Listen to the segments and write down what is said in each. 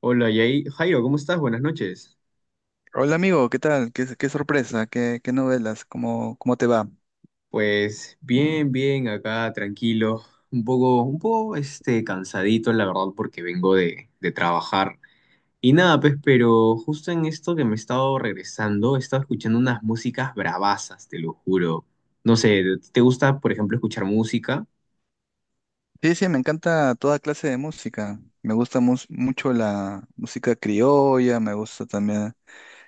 Hola, Jairo, ¿cómo estás? Buenas noches. Hola amigo, ¿qué tal? ¿Qué sorpresa? ¿Qué novelas? ¿Cómo te va? Pues bien, bien, acá tranquilo, un poco cansadito, la verdad, porque vengo de trabajar. Y nada, pues, pero justo en esto que me he estado regresando, he estado escuchando unas músicas bravasas, te lo juro. No sé, ¿te gusta, por ejemplo, escuchar música? Sí, sí, me encanta toda clase de música. Me gusta mucho la música criolla, me gusta también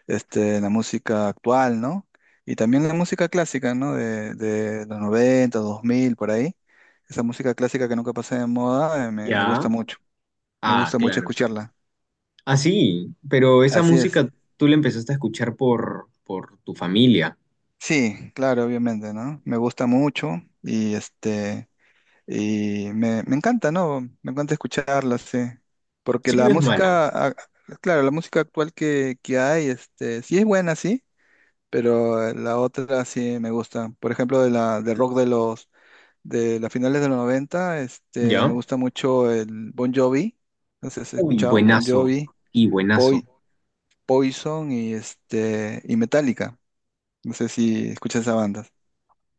la música actual, ¿no? Y también la música clásica, ¿no? De los 90, 2000 por ahí. Esa música clásica que nunca pasa de moda, me Ya. gusta mucho. Me Ah, gusta mucho claro. escucharla. Ah, sí, pero esa Así es. música tú la empezaste a escuchar por tu familia. Sí, claro, obviamente, ¿no? Me gusta mucho y Y me encanta, ¿no? Me encanta escucharla, sí. Porque Sí, la no es mala. música, claro, la música actual que hay, sí es buena, sí, pero la otra sí me gusta. Por ejemplo, de rock de las finales de los 90 me ¿Ya? gusta mucho el Bon Jovi. No sé si has Uy, escuchado Bon buenazo. Jovi, Y buenazo. Poi- Poison y y Metallica. No sé si escuchas esa banda.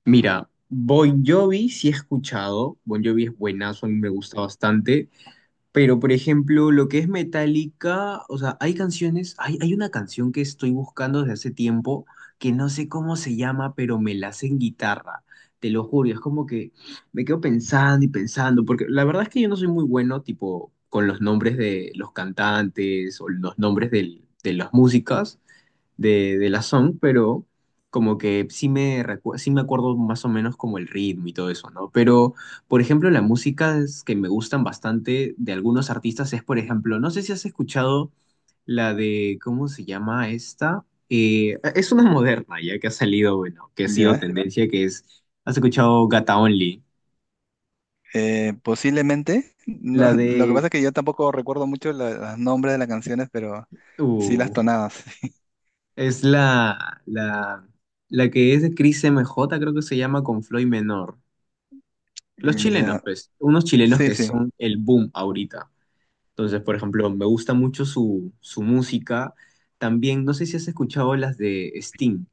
Mira, Bon Jovi sí he escuchado. Bon Jovi es buenazo, a mí me gusta bastante. Pero, por ejemplo, lo que es Metallica, o sea, hay canciones, hay una canción que estoy buscando desde hace tiempo que no sé cómo se llama, pero me la sé en guitarra. Te lo juro, y es como que me quedo pensando y pensando, porque la verdad es que yo no soy muy bueno, tipo, con los nombres de los cantantes o los nombres de las músicas. De la song, pero como que sí me acuerdo más o menos como el ritmo y todo eso, ¿no? Pero, por ejemplo, las músicas que me gustan bastante de algunos artistas es, por ejemplo, no sé si has escuchado la de, ¿cómo se llama esta? Es una moderna ya que ha salido, bueno, que ha sido ¿Ya? tendencia, que es, ¿has escuchado Gata Only? Posiblemente. No, La lo que de, pasa es que yo tampoco recuerdo mucho los nombres de las canciones, pero sí las uh, tonadas. es la, la, la que es de Cris M J, creo que se llama, con Floyd Menor. Los chilenos, Ya, pues, unos chilenos sí, que sí. son el boom ahorita. Entonces, por ejemplo, me gusta mucho su música. También, no sé si has escuchado las de Sting,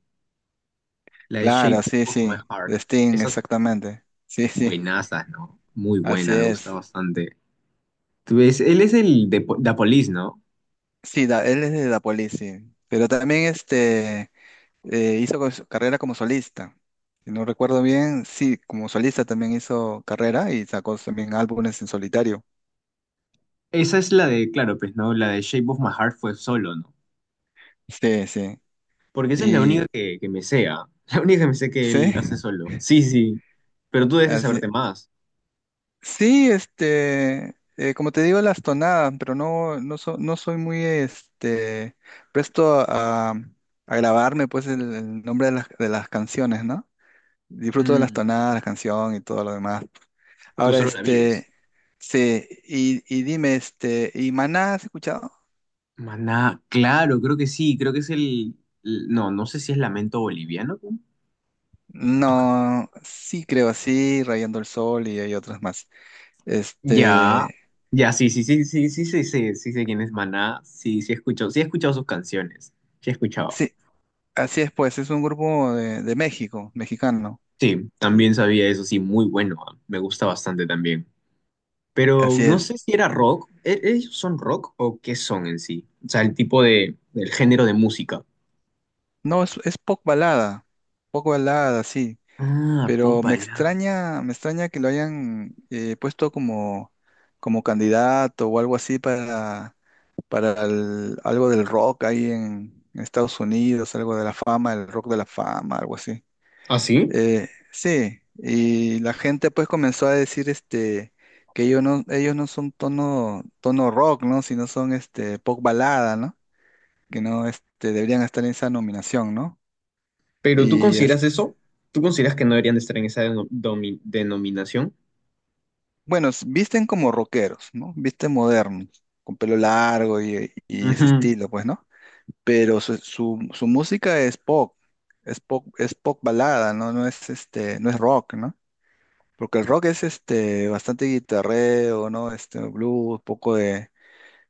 la de Shape Claro, sí, of My sí. Heart. De Sting, Esas exactamente. Sí, sí. buenazas, ¿no? Muy Así buena, me gusta es. bastante. Tú ves, él es el de Da Police, ¿no? Sí, él es de Dapolis, sí. Pero también hizo su carrera como solista. Si no recuerdo bien, sí, como solista también hizo carrera y sacó también álbumes en solitario. Esa es la de, claro, pues, ¿no? La de Shape of My Heart fue solo, ¿no? Sí, sí. Porque esa es la Y única que me sea. La única que me sé que él hace sí, solo. Sí, sí. Pero tú debes de así. saberte más. Sí, como te digo, las tonadas, pero no soy muy, presto a grabarme, pues, el nombre de las canciones, ¿no? Disfruto de las Mm. tonadas, la canción y todo lo demás. Tú Ahora, solo la vives. Sí, y dime, ¿y Maná has escuchado? Maná, claro, creo que sí, creo que es no, no sé si es Lamento boliviano, ¿no? No, sí creo, sí, Rayando el Sol y hay otras más. Ya, Este, ya, sí, sí, sí, sí, sí, sí, sí, sí sé quién es Maná, sí, sí he escuchado sus canciones, sí he escuchado. sí, así es, pues, es un grupo de México, mexicano. Sí, Y- también sabía eso, sí, muy bueno, ah, me gusta bastante también. Pero Así no es. sé si era rock, ¿ellos son rock o qué son en sí? O sea, el tipo de, el género de música. No, es pop balada, sí, Ah, pero Popala. Me extraña que lo hayan puesto como, como candidato o algo así para, algo del rock ahí en Estados Unidos, algo de la fama, el rock de la fama, algo así. ¿Ah, sí? Sí, y la gente pues comenzó a decir que ellos no son tono rock, ¿no? Sino son pop balada, ¿no? Que no deberían estar en esa nominación, ¿no? ¿Pero tú Y, consideras eso? ¿Tú consideras que no deberían de estar en esa denominación? bueno, visten como rockeros, ¿no? Visten modernos, con pelo largo y ese Ujú. estilo, pues, ¿no? Pero su música es pop, es pop, es pop balada, ¿no? No es no es rock, ¿no? Porque el rock es bastante guitarreo, ¿no? Este blues,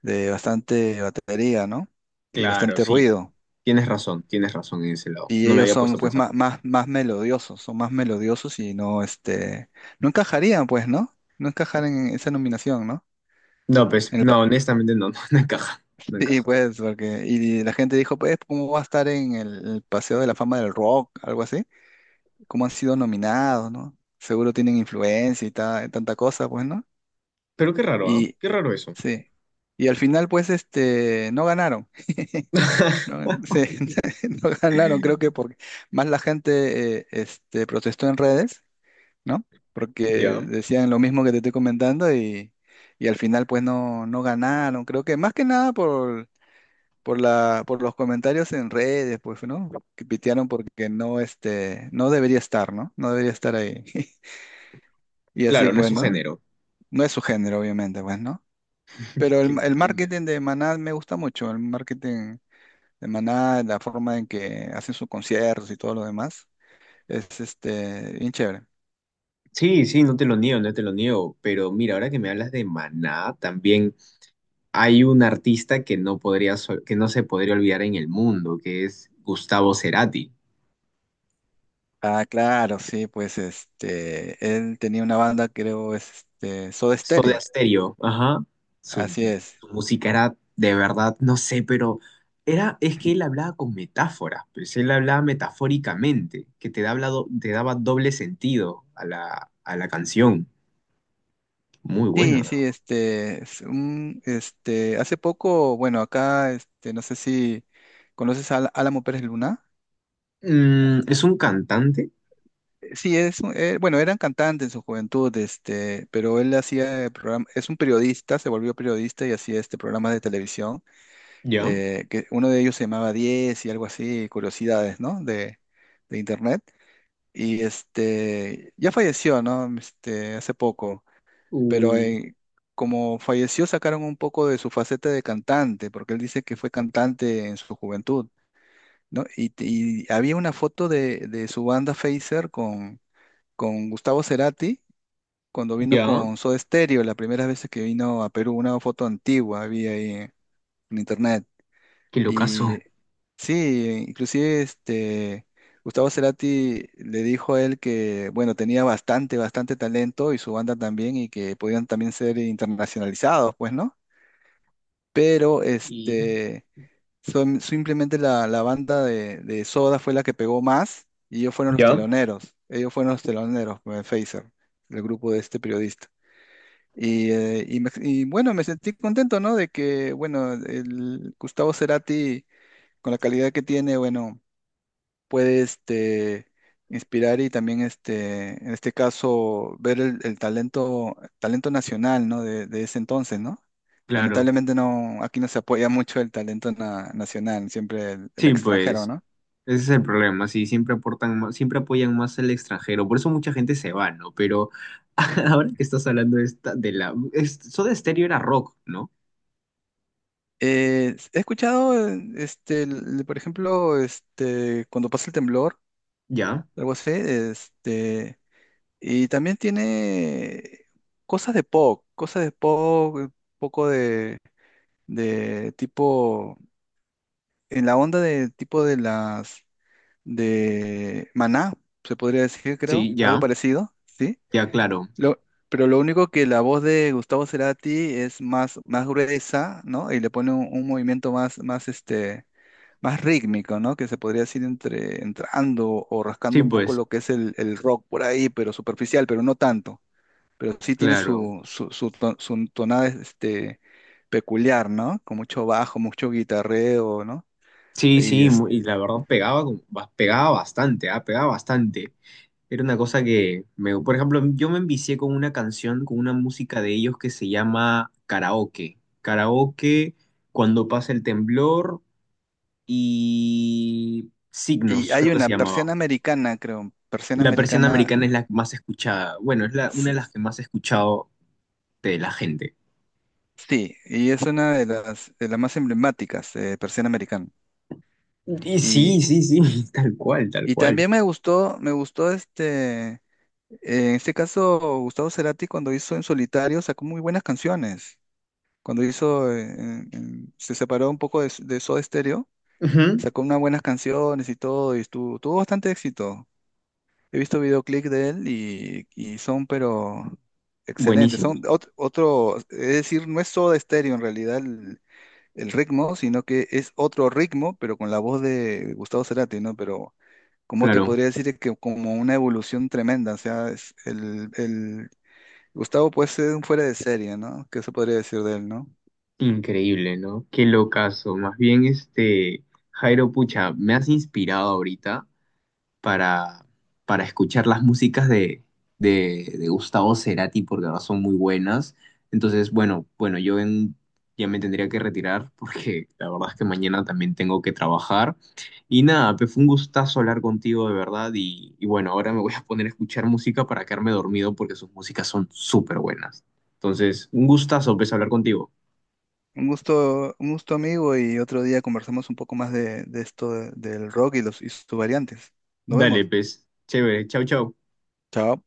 de bastante batería, ¿no? Y Claro, bastante sí, ruido. Tienes razón en ese lado. Y No me ellos había son puesto a pues pensar. Más melodiosos, son más melodiosos y no no encajarían, pues, ¿no? No encajarían en esa nominación, ¿no? No, pues, En el, no, honestamente no, no, no encaja, no sí, encaja. pues, porque, y la gente dijo, pues, ¿cómo va a estar en el Paseo de la Fama del Rock? Algo así. ¿Cómo han sido nominados, no? Seguro tienen influencia y tanta cosa, pues, ¿no? Pero qué raro, ¿ah? Y Qué raro eso. sí. Y al final, pues, no ganaron. No, sí, no ganaron, creo que porque más la gente protestó en redes, ¿no? Porque Ya, decían lo mismo que te estoy comentando y al final, pues, no ganaron. Creo que más que nada por la, por los comentarios en redes, pues, ¿no? Que pitearon porque no, no debería estar, ¿no? No debería estar ahí. Y así, claro, no es pues, su ¿no? género. No es su género, obviamente, pues, ¿no? Pero Qué el buena. marketing de Maná me gusta mucho, el marketing de Maná, la forma en que hacen sus conciertos y todo lo demás, es, bien chévere. Sí, sí, no te lo niego, no te lo niego. Pero mira, ahora que me hablas de Maná, también hay un artista que no podría, que no se podría olvidar en el mundo, que es Gustavo Cerati. Ah, claro, sí, pues, él tenía una banda, creo, es, Soda Soda Stereo, Stereo, ajá. Su, así es. su música era de verdad, no sé, pero era, es que él hablaba con metáforas, pues él hablaba metafóricamente, que te daba, te daba doble sentido a a la canción. Muy bueno, Sí, ¿no? sí, hace poco, bueno, acá, no sé si conoces a Álamo Pérez Luna. Mm, es un cantante, Sí, bueno, eran cantantes en su juventud, pero él hacía programa, es un periodista, se volvió periodista y hacía este programa de televisión, ya. Que uno de ellos se llamaba 10 y algo así, curiosidades, ¿no? De internet. Y ya falleció, ¿no? Hace poco. Pero Uh, como falleció sacaron un poco de su faceta de cantante, porque él dice que fue cantante en su juventud, ¿no? Y había una foto de su banda Facer con Gustavo Cerati cuando vino ya. con Soda Stereo, la primera vez que vino a Perú, una foto antigua había ahí en internet. Qué locazo. Y sí, inclusive Gustavo Cerati le dijo a él que, bueno, tenía bastante talento y su banda también y que podían también ser internacionalizados, pues, ¿no? Pero Y... simplemente la banda de Soda fue la que pegó más y ellos fueron los ya. teloneros, ellos fueron los teloneros, Phaser, el grupo de este periodista. Y, y bueno, me sentí contento, ¿no? De que, bueno, el Gustavo Cerati, con la calidad que tiene, bueno puede inspirar y también en este caso ver el talento, talento nacional, ¿no? De ese entonces, ¿no? Claro. Lamentablemente no, aquí no se apoya mucho el talento nacional, siempre el Sí, extranjero, pues. ¿no? Ese es el problema, sí, siempre aportan más, siempre apoyan más al extranjero, por eso mucha gente se va, ¿no? Pero ahora que estás hablando de esta, es, Soda Stereo era rock, ¿no? He escuchado, por ejemplo, cuando pasa el temblor, Ya, algo así, y también tiene cosas de pop, un poco de tipo en la onda de tipo de las de Maná, se podría decir, creo, sí, algo ya, parecido, ¿sí? ya, claro, Lo, pero lo único que la voz de Gustavo Cerati es más gruesa, ¿no? Y le pone un movimiento este, más rítmico, ¿no? Que se podría decir entrando o sí, rascando un poco pues, lo que es el rock por ahí, pero superficial, pero no tanto. Pero sí tiene claro, su tonada, peculiar, ¿no? Con mucho bajo, mucho guitarreo, ¿no? sí, Y sí, y la verdad pegaba, pegaba bastante, ah, pegaba bastante. Era una cosa que, me, por ejemplo, yo me envicié con una canción, con una música de ellos que se llama Karaoke, Karaoke, Cuando pasa el temblor. Y y Signos, creo hay que se una llamaba. persiana americana, creo, persiana La persiana americana, americana es la más escuchada, bueno, es la, una s- de las que más he escuchado de la gente. sí, y es una de las más emblemáticas, persiana americana. Y sí, Y, sí, sí, tal cual, tal y cual. también me gustó en este caso, Gustavo Cerati cuando hizo En Solitario sacó muy buenas canciones. Cuando hizo, se separó un poco de Soda Stereo, Ujú. sacó unas buenas canciones y todo, y tuvo bastante éxito. He visto videoclip de él y son, pero excelentes. Buenísimo, Son otro, es decir, no es Soda Stereo en realidad el ritmo, sino que es otro ritmo, pero con la voz de Gustavo Cerati, ¿no? Pero, ¿cómo te claro, podría decir que como una evolución tremenda? O sea, es Gustavo puede ser un fuera de serie, ¿no? ¿Qué se podría decir de él, no? increíble, ¿no? Qué locazo. Más bien, este, Jairo, pucha, me has inspirado ahorita. para, para escuchar las músicas de Gustavo Cerati porque ahora son muy buenas. Entonces, bueno, bueno, ya me tendría que retirar porque la verdad es que mañana también tengo que trabajar. Y nada, pues fue un gustazo hablar contigo de verdad y bueno, ahora me voy a poner a escuchar música para quedarme dormido porque sus músicas son súper buenas. Entonces, un gustazo, pues, hablar contigo. Un gusto amigo y otro día conversamos un poco más de esto del rock y sus variantes. Nos Dale, vemos. pues, chévere, chau, chau. Chao.